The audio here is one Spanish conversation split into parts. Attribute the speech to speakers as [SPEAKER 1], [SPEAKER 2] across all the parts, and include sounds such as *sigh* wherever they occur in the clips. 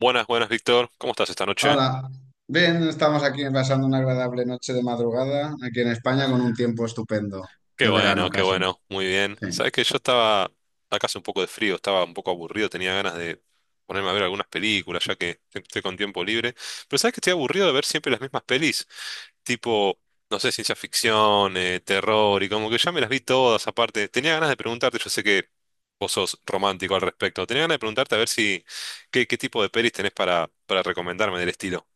[SPEAKER 1] Buenas, buenas, Víctor. ¿Cómo estás esta noche?
[SPEAKER 2] Hola, bien, estamos aquí pasando una agradable noche de madrugada aquí en España con un tiempo estupendo, de verano
[SPEAKER 1] Qué
[SPEAKER 2] casi.
[SPEAKER 1] bueno, muy bien.
[SPEAKER 2] Sí.
[SPEAKER 1] Sabes que yo estaba acá, hace un poco de frío, estaba un poco aburrido, tenía ganas de ponerme a ver algunas películas, ya que siempre estoy con tiempo libre. Pero sabes que estoy aburrido de ver siempre las mismas pelis, tipo, no sé, ciencia ficción, terror, y como que ya me las vi todas aparte. Tenía ganas de preguntarte, yo sé que vos sos romántico al respecto, tenía ganas de preguntarte a ver si, qué tipo de pelis tenés para recomendarme del estilo.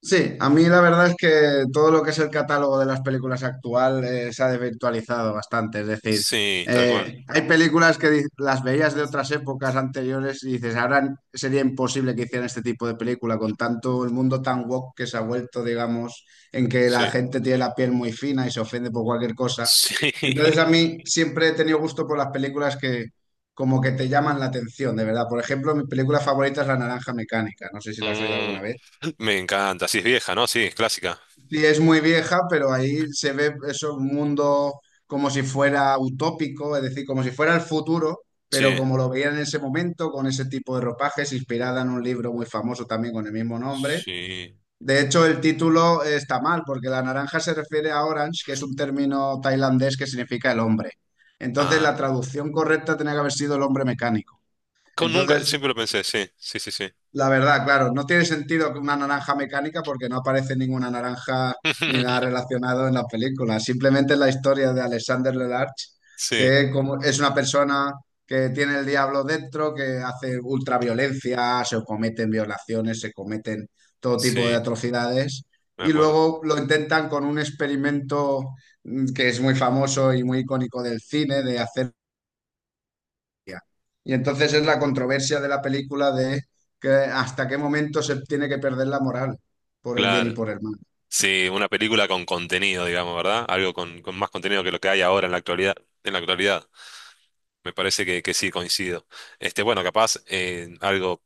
[SPEAKER 2] Sí, a mí la verdad es que todo lo que es el catálogo de las películas actual se ha desvirtualizado bastante. Es decir,
[SPEAKER 1] Sí, tal cual.
[SPEAKER 2] hay películas que las veías de otras épocas anteriores y dices, ahora sería imposible que hicieran este tipo de película con tanto el mundo tan woke que se ha vuelto, digamos, en que la
[SPEAKER 1] Sí.
[SPEAKER 2] gente tiene la piel muy fina y se ofende por cualquier cosa.
[SPEAKER 1] *laughs*
[SPEAKER 2] Entonces
[SPEAKER 1] Sí.
[SPEAKER 2] a mí siempre he tenido gusto por las películas que como que te llaman la atención, de verdad. Por ejemplo, mi película favorita es La Naranja Mecánica. No sé si la has oído
[SPEAKER 1] Mm,
[SPEAKER 2] alguna vez.
[SPEAKER 1] me encanta. Sí, es vieja, ¿no? Sí, es clásica.
[SPEAKER 2] Sí, es muy vieja, pero ahí se ve eso, un mundo como si fuera utópico, es decir, como si fuera el futuro, pero
[SPEAKER 1] Sí.
[SPEAKER 2] como lo veían en ese momento, con ese tipo de ropajes, inspirada en un libro muy famoso también con el mismo nombre.
[SPEAKER 1] Sí.
[SPEAKER 2] De hecho, el título está mal, porque la naranja se refiere a orange, que es un término tailandés que significa el hombre. Entonces,
[SPEAKER 1] Ah.
[SPEAKER 2] la traducción correcta tenía que haber sido el hombre mecánico.
[SPEAKER 1] Con nunca,
[SPEAKER 2] Entonces,
[SPEAKER 1] siempre lo pensé, sí, sí, sí, sí.
[SPEAKER 2] la verdad, claro, no tiene sentido que una naranja mecánica porque no aparece ninguna naranja ni nada
[SPEAKER 1] *laughs*
[SPEAKER 2] relacionado en la película. Simplemente es la historia de Alexander Lelarge,
[SPEAKER 1] Sí,
[SPEAKER 2] que como es una persona que tiene el diablo dentro, que hace ultraviolencia, se cometen violaciones, se cometen todo tipo de
[SPEAKER 1] sí,
[SPEAKER 2] atrocidades.
[SPEAKER 1] me
[SPEAKER 2] Y
[SPEAKER 1] acuerdo.
[SPEAKER 2] luego lo intentan con un experimento que es muy famoso y muy icónico del cine, de hacer y entonces es la controversia de la película de que hasta qué momento se tiene que perder la moral por el bien y
[SPEAKER 1] Claro.
[SPEAKER 2] por el mal.
[SPEAKER 1] Sí, una película con contenido, digamos, ¿verdad? Algo con más contenido que lo que hay ahora en la actualidad. En la actualidad. Me parece que sí, coincido. Este, bueno, capaz algo,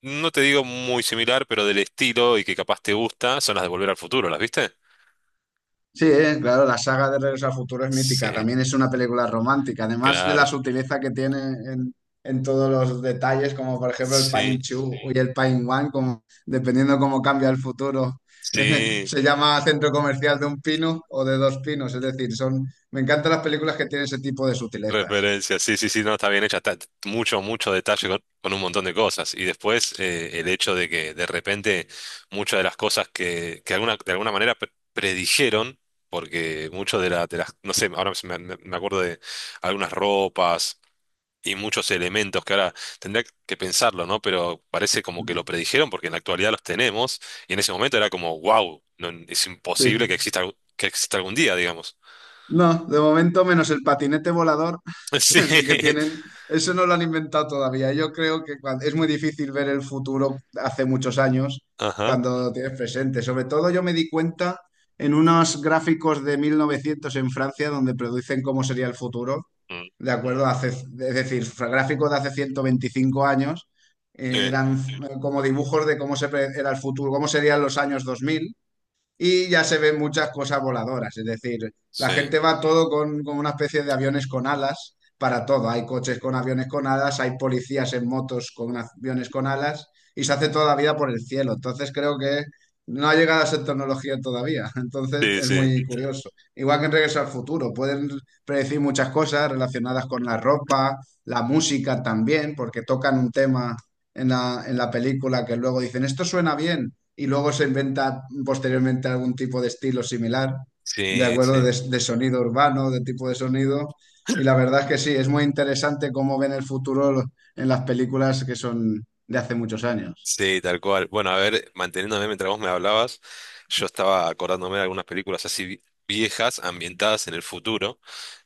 [SPEAKER 1] no te digo muy similar, pero del estilo y que capaz te gusta, son las de Volver al Futuro, ¿las viste?
[SPEAKER 2] Sí, claro, la saga de Regreso al Futuro es mítica,
[SPEAKER 1] Sí,
[SPEAKER 2] también es una película romántica, además de
[SPEAKER 1] claro.
[SPEAKER 2] la sutileza que tiene en todos los detalles, como por ejemplo el Pine
[SPEAKER 1] Sí,
[SPEAKER 2] Two y el Pine One, como, dependiendo cómo cambia el futuro. *laughs*
[SPEAKER 1] sí,
[SPEAKER 2] Se llama centro comercial de un pino o de dos pinos, es decir, son, me encantan las películas que tienen ese tipo de sutilezas.
[SPEAKER 1] Referencia, sí, sí, sí, no, está bien hecha, está mucho, mucho detalle con un montón de cosas. Y después el hecho de que de repente muchas de las cosas que alguna, de alguna manera predijeron, porque mucho de, de las, no sé, ahora se me, me acuerdo de algunas ropas y muchos elementos que ahora tendría que pensarlo, ¿no? Pero parece como que lo predijeron porque en la actualidad los tenemos y en ese momento era como, wow, no, es imposible
[SPEAKER 2] Sí.
[SPEAKER 1] que exista, que exista algún día, digamos.
[SPEAKER 2] No, de momento menos el patinete volador,
[SPEAKER 1] *laughs*
[SPEAKER 2] *laughs*
[SPEAKER 1] Sí,
[SPEAKER 2] ese que tienen, eso no lo han inventado todavía. Yo creo que es muy difícil ver el futuro hace muchos años
[SPEAKER 1] ajá.
[SPEAKER 2] cuando lo tienes presente. Sobre todo yo me di cuenta en unos gráficos de 1900 en Francia donde producen cómo sería el futuro,
[SPEAKER 1] Mm.
[SPEAKER 2] de acuerdo hace, es decir, gráficos de hace 125 años,
[SPEAKER 1] Sí.
[SPEAKER 2] eran como dibujos de cómo era el futuro, cómo serían los años 2000 y ya se ven muchas cosas voladoras, es decir, la
[SPEAKER 1] Sí,
[SPEAKER 2] gente va todo con una especie de aviones con alas para todo. Hay coches con aviones con alas, hay policías en motos con aviones con alas y se hace toda la vida por el cielo. Entonces creo que no ha llegado a ser tecnología todavía. *laughs* Entonces
[SPEAKER 1] sí,
[SPEAKER 2] es
[SPEAKER 1] sí,
[SPEAKER 2] muy curioso. Igual que en Regreso al Futuro, pueden predecir muchas cosas relacionadas con la ropa, la música también, porque tocan un tema en la película que luego dicen, esto suena bien, y luego se inventa posteriormente algún tipo de estilo similar, ¿de
[SPEAKER 1] sí,
[SPEAKER 2] acuerdo?
[SPEAKER 1] sí,
[SPEAKER 2] De sonido urbano, de tipo de sonido. Y la verdad es que sí, es muy interesante cómo ven el futuro en las películas que son de hace muchos años.
[SPEAKER 1] sí, tal cual. Bueno, a ver, manteniéndome mientras vos me hablabas, yo estaba acordándome de algunas películas así viejas, ambientadas en el futuro.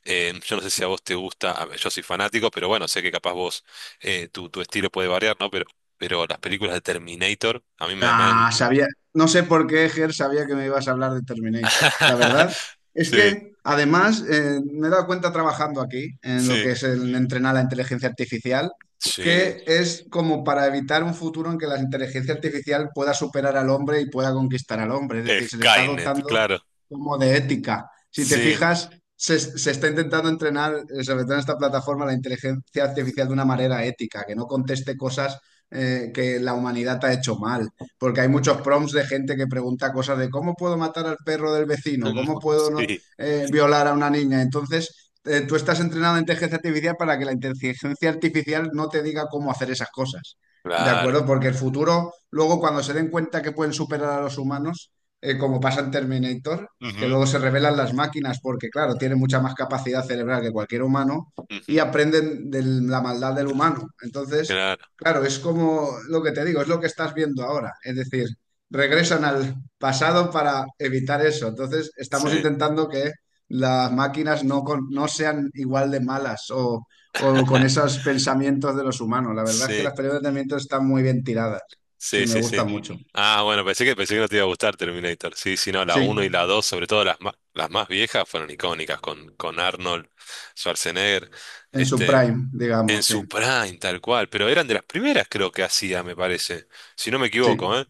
[SPEAKER 1] Yo no sé si a vos te gusta, a ver, yo soy fanático, pero bueno, sé que capaz vos, tu estilo puede variar, ¿no? Pero las películas de Terminator, a mí me
[SPEAKER 2] Ah,
[SPEAKER 1] han...
[SPEAKER 2] sabía, no sé por qué, Ger, sabía que me ibas a hablar de Terminator. La
[SPEAKER 1] *laughs*
[SPEAKER 2] verdad es
[SPEAKER 1] Sí,
[SPEAKER 2] que, además, me he dado cuenta trabajando aquí, en lo
[SPEAKER 1] sí,
[SPEAKER 2] que es el entrenar la inteligencia artificial,
[SPEAKER 1] sí.
[SPEAKER 2] que es como para evitar un futuro en que la inteligencia artificial pueda superar al hombre y pueda conquistar al hombre. Es decir, se le está
[SPEAKER 1] Skynet,
[SPEAKER 2] dotando
[SPEAKER 1] claro.
[SPEAKER 2] como de ética. Si te
[SPEAKER 1] Sí,
[SPEAKER 2] fijas, se está intentando entrenar, sobre todo en esta plataforma, la inteligencia artificial de una manera ética, que no conteste cosas que la humanidad ha hecho mal porque hay muchos prompts de gente que pregunta cosas de cómo puedo matar al perro del vecino, cómo
[SPEAKER 1] *laughs*
[SPEAKER 2] puedo no,
[SPEAKER 1] sí,
[SPEAKER 2] violar a una niña. Entonces, tú estás entrenado en inteligencia artificial para que la inteligencia artificial no te diga cómo hacer esas cosas. ¿De
[SPEAKER 1] claro.
[SPEAKER 2] acuerdo? Porque el futuro, luego cuando se den cuenta que pueden superar a los humanos, como pasa en Terminator, que
[SPEAKER 1] Ujú,
[SPEAKER 2] luego se revelan las máquinas porque, claro, tienen mucha más capacidad cerebral que cualquier humano y
[SPEAKER 1] ujú,
[SPEAKER 2] aprenden de la maldad del humano. Entonces,
[SPEAKER 1] claro,
[SPEAKER 2] claro, es como lo que te digo, es lo que estás viendo ahora. Es decir, regresan al pasado para evitar eso. Entonces, estamos
[SPEAKER 1] sí.
[SPEAKER 2] intentando que las máquinas no, no sean igual de malas o con
[SPEAKER 1] *laughs*
[SPEAKER 2] esos pensamientos de los humanos. La verdad es que
[SPEAKER 1] Sí,
[SPEAKER 2] las películas de Terminator están muy bien tiradas. Sí,
[SPEAKER 1] sí,
[SPEAKER 2] me
[SPEAKER 1] sí,
[SPEAKER 2] gusta
[SPEAKER 1] sí.
[SPEAKER 2] mucho.
[SPEAKER 1] Ah, bueno, pensé que no te iba a gustar Terminator. Sí, sí, no, la uno y
[SPEAKER 2] Sí,
[SPEAKER 1] la 2, sobre todo las más viejas, fueron icónicas con Arnold Schwarzenegger,
[SPEAKER 2] en su
[SPEAKER 1] este,
[SPEAKER 2] prime,
[SPEAKER 1] en
[SPEAKER 2] digamos, sí.
[SPEAKER 1] su prime, tal cual, pero eran de las primeras creo que hacía, me parece, si no me equivoco, ¿eh?
[SPEAKER 2] Sí.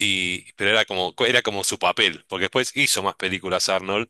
[SPEAKER 1] Y, pero era como su papel, porque después hizo más películas Arnold,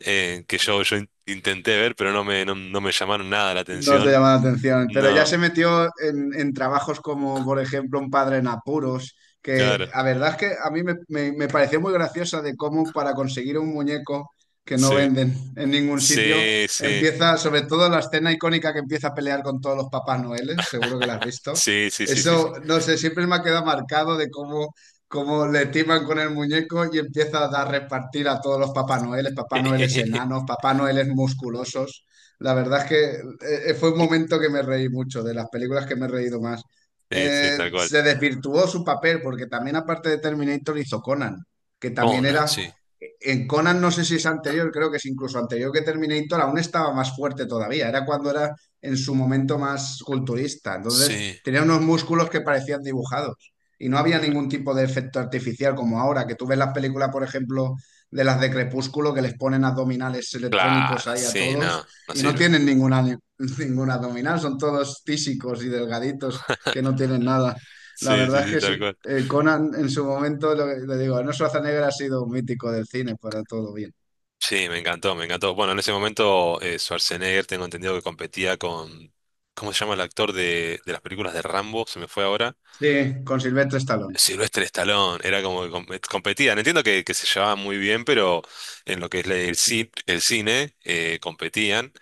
[SPEAKER 1] que yo intenté ver, pero no me, no, no me llamaron nada la
[SPEAKER 2] No te
[SPEAKER 1] atención.
[SPEAKER 2] llama la atención, pero ya
[SPEAKER 1] No,
[SPEAKER 2] se metió en trabajos como, por ejemplo, Un padre en apuros, que
[SPEAKER 1] claro,
[SPEAKER 2] la verdad es que a mí me pareció muy graciosa de cómo para conseguir un muñeco que no
[SPEAKER 1] sí,
[SPEAKER 2] venden en ningún sitio,
[SPEAKER 1] sí, sí.
[SPEAKER 2] empieza, sobre todo la escena icónica que empieza a pelear con todos los Papás Noeles, seguro que la has
[SPEAKER 1] *laughs*
[SPEAKER 2] visto.
[SPEAKER 1] Sí, sí, sí, sí, sí.
[SPEAKER 2] Eso, no sé, siempre me ha quedado marcado de cómo, cómo le timan con el muñeco y empieza a dar repartir a todos los Papás Noeles, Papá Noeles
[SPEAKER 1] *laughs*
[SPEAKER 2] enanos, Papá Noeles musculosos. La verdad es que fue un momento que me reí mucho, de las películas que me he reído más.
[SPEAKER 1] Sí, sí, tal cual.
[SPEAKER 2] Se desvirtuó su papel porque también aparte de Terminator hizo Conan, que también
[SPEAKER 1] Conan,
[SPEAKER 2] era...
[SPEAKER 1] sí.
[SPEAKER 2] En Conan no sé si es anterior, creo que es incluso anterior que Terminator, aún estaba más fuerte todavía, era cuando era en su momento más culturista, entonces
[SPEAKER 1] Sí.
[SPEAKER 2] tenía unos músculos que parecían dibujados y no había ningún
[SPEAKER 1] Tremendo.
[SPEAKER 2] tipo de efecto artificial como ahora, que tú ves las películas, por ejemplo, de las de Crepúsculo, que les ponen abdominales electrónicos
[SPEAKER 1] Claro,
[SPEAKER 2] ahí a
[SPEAKER 1] sí,
[SPEAKER 2] todos
[SPEAKER 1] no, no
[SPEAKER 2] y no
[SPEAKER 1] sirve.
[SPEAKER 2] tienen ninguna, ni- *laughs* ninguna abdominal, son todos tísicos y delgaditos que no
[SPEAKER 1] *laughs*
[SPEAKER 2] tienen nada. La
[SPEAKER 1] Sí, sí,
[SPEAKER 2] verdad es
[SPEAKER 1] sí,
[SPEAKER 2] que
[SPEAKER 1] tal
[SPEAKER 2] sí,
[SPEAKER 1] cual.
[SPEAKER 2] Conan en su momento, le digo, Arnold Schwarzenegger ha sido un mítico del cine para todo bien.
[SPEAKER 1] Sí, me encantó, me encantó. Bueno, en ese momento Schwarzenegger, tengo entendido que competía con... ¿Cómo se llama el actor de las películas de Rambo? Se me fue ahora.
[SPEAKER 2] Sí, con Silvestre Stallone,
[SPEAKER 1] Sylvester Stallone, era como que competían. Entiendo que se llevaban muy bien, pero en lo que es el, el cine competían.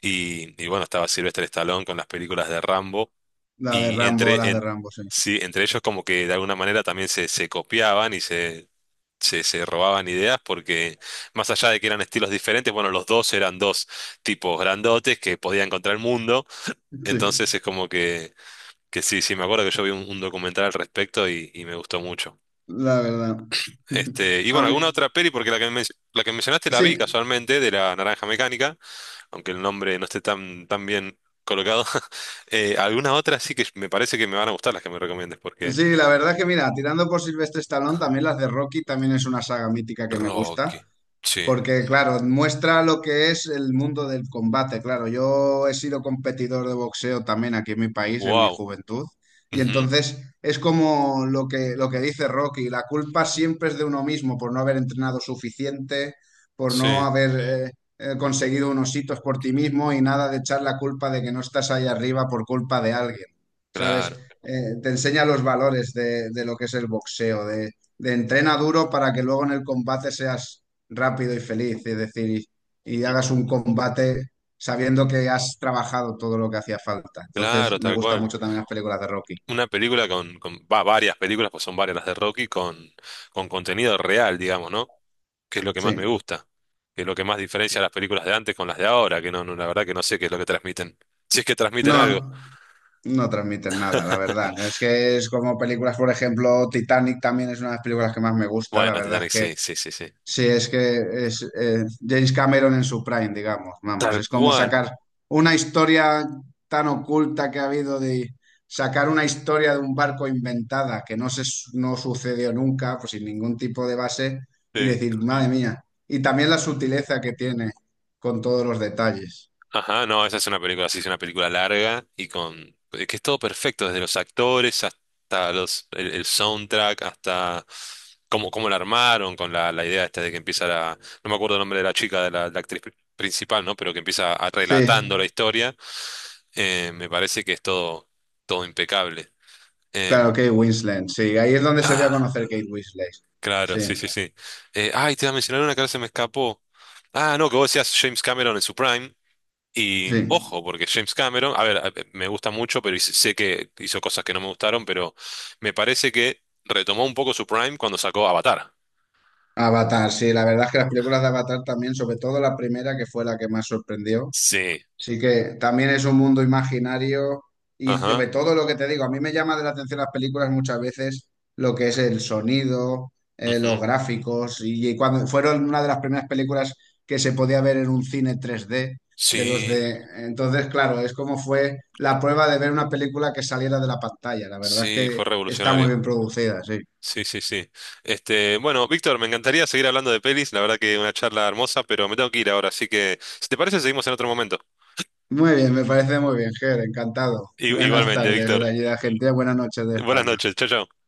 [SPEAKER 1] Y bueno, estaba Sylvester Stallone con las películas de Rambo. Y entre,
[SPEAKER 2] La de Rambo, sí.
[SPEAKER 1] sí, entre ellos como que de alguna manera también se copiaban y se, se robaban ideas porque más allá de que eran estilos diferentes, bueno, los dos eran dos tipos grandotes que podían contra el mundo.
[SPEAKER 2] Sí,
[SPEAKER 1] Entonces es como que sí, sí, me acuerdo que yo vi un documental al respecto y me gustó mucho.
[SPEAKER 2] la verdad. *laughs*
[SPEAKER 1] Este, y
[SPEAKER 2] A
[SPEAKER 1] bueno, alguna
[SPEAKER 2] mí-
[SPEAKER 1] otra peli, porque la que, la que mencionaste la vi
[SPEAKER 2] sí,
[SPEAKER 1] casualmente, de la Naranja Mecánica, aunque el nombre no esté tan, tan bien colocado. *laughs* Alguna otra sí que me parece que me van a gustar las que me recomiendes, porque
[SPEAKER 2] sí, la verdad que mira, tirando por Silvestre Stallone, también las de Rocky también es una saga mítica que me gusta.
[SPEAKER 1] Rocky, sí,
[SPEAKER 2] Porque, claro, muestra lo que es el mundo del combate. Claro, yo he sido competidor de boxeo también aquí en mi país, en mi
[SPEAKER 1] wow,
[SPEAKER 2] juventud. Y
[SPEAKER 1] ujú,
[SPEAKER 2] entonces es como lo que dice Rocky, la culpa siempre es de uno mismo por no haber entrenado suficiente, por no
[SPEAKER 1] sí,
[SPEAKER 2] haber eh, conseguido unos hitos por ti mismo y nada de echar la culpa de que no estás ahí arriba por culpa de alguien. ¿Sabes?
[SPEAKER 1] claro,
[SPEAKER 2] Te enseña los valores de lo que es el boxeo, de entrena duro para que luego en el combate seas rápido y feliz, es decir, y
[SPEAKER 1] ujú,
[SPEAKER 2] hagas un combate sabiendo que has trabajado todo lo que hacía falta. Entonces,
[SPEAKER 1] claro,
[SPEAKER 2] me
[SPEAKER 1] tal
[SPEAKER 2] gustan
[SPEAKER 1] cual.
[SPEAKER 2] mucho también las películas de Rocky.
[SPEAKER 1] Una película con, va, varias películas, pues son varias las de Rocky, con contenido real, digamos, ¿no? Que es lo que más me
[SPEAKER 2] Sí.
[SPEAKER 1] gusta, que es lo que más diferencia las películas de antes con las de ahora, que no, no, la verdad que no sé qué es lo que transmiten. *laughs* Si es que transmiten algo.
[SPEAKER 2] No, no transmiten nada, la verdad. Es que es como películas, por ejemplo, Titanic también es una de las películas que más me gusta. La
[SPEAKER 1] Bueno,
[SPEAKER 2] verdad es
[SPEAKER 1] Titanic,
[SPEAKER 2] que
[SPEAKER 1] sí, sí, sí, sí.
[SPEAKER 2] sí, es que es James Cameron en su prime, digamos, vamos,
[SPEAKER 1] Tal
[SPEAKER 2] es como
[SPEAKER 1] cual.
[SPEAKER 2] sacar una historia tan oculta que ha habido de sacar una historia de un barco inventada que no se no sucedió nunca, pues sin ningún tipo de base y
[SPEAKER 1] Sí.
[SPEAKER 2] decir, madre mía, y también la sutileza que tiene con todos los detalles.
[SPEAKER 1] Ajá, no, esa es una película, sí, es una película larga y con... que es todo perfecto, desde los actores hasta los, el soundtrack, hasta cómo, cómo la armaron, con la, la idea esta de que empieza la... No me acuerdo el nombre de la chica, de la, la actriz principal, ¿no? Pero que empieza
[SPEAKER 2] Sí,
[SPEAKER 1] relatando la historia. Me parece que es todo, todo impecable.
[SPEAKER 2] claro,
[SPEAKER 1] Em,
[SPEAKER 2] Kate Winslet, sí, ahí es donde se dio a
[SPEAKER 1] ah,
[SPEAKER 2] conocer Kate Winslet.
[SPEAKER 1] claro,
[SPEAKER 2] Sí,
[SPEAKER 1] sí, sí, sí. Ay, te iba a mencionar una que ahora se me escapó. Ah, no, que vos decías James Cameron en su prime. Y
[SPEAKER 2] sí.
[SPEAKER 1] ojo, porque James Cameron, a ver, me gusta mucho, pero sé que hizo cosas que no me gustaron, pero me parece que retomó un poco su prime cuando sacó Avatar.
[SPEAKER 2] Avatar, sí, la verdad es que las películas de Avatar también, sobre todo la primera que fue la que más sorprendió.
[SPEAKER 1] Sí,
[SPEAKER 2] Sí que también es un mundo imaginario y
[SPEAKER 1] ajá.
[SPEAKER 2] sobre todo lo que te digo, a mí me llama de la atención las películas muchas veces lo que es el sonido, los
[SPEAKER 1] Ujú.
[SPEAKER 2] gráficos y cuando fueron una de las primeras películas que se podía ver en un cine 3D de los
[SPEAKER 1] Sí,
[SPEAKER 2] de... Entonces, claro, es como fue la prueba de ver una película que saliera de la pantalla. La verdad es
[SPEAKER 1] sí,
[SPEAKER 2] que
[SPEAKER 1] fue
[SPEAKER 2] está muy
[SPEAKER 1] revolucionario.
[SPEAKER 2] bien producida, sí.
[SPEAKER 1] Sí, sí, sí. Este, bueno, Víctor, me encantaría seguir hablando de pelis, la verdad que una charla hermosa, pero me tengo que ir ahora, así que si te parece, seguimos en otro momento.
[SPEAKER 2] Muy bien, me parece muy bien, Ger, encantado.
[SPEAKER 1] I-
[SPEAKER 2] Buenas
[SPEAKER 1] Igualmente,
[SPEAKER 2] tardes,
[SPEAKER 1] Víctor.
[SPEAKER 2] de allí de Argentina, buenas noches de
[SPEAKER 1] Buenas
[SPEAKER 2] España.
[SPEAKER 1] noches. Chao, chao.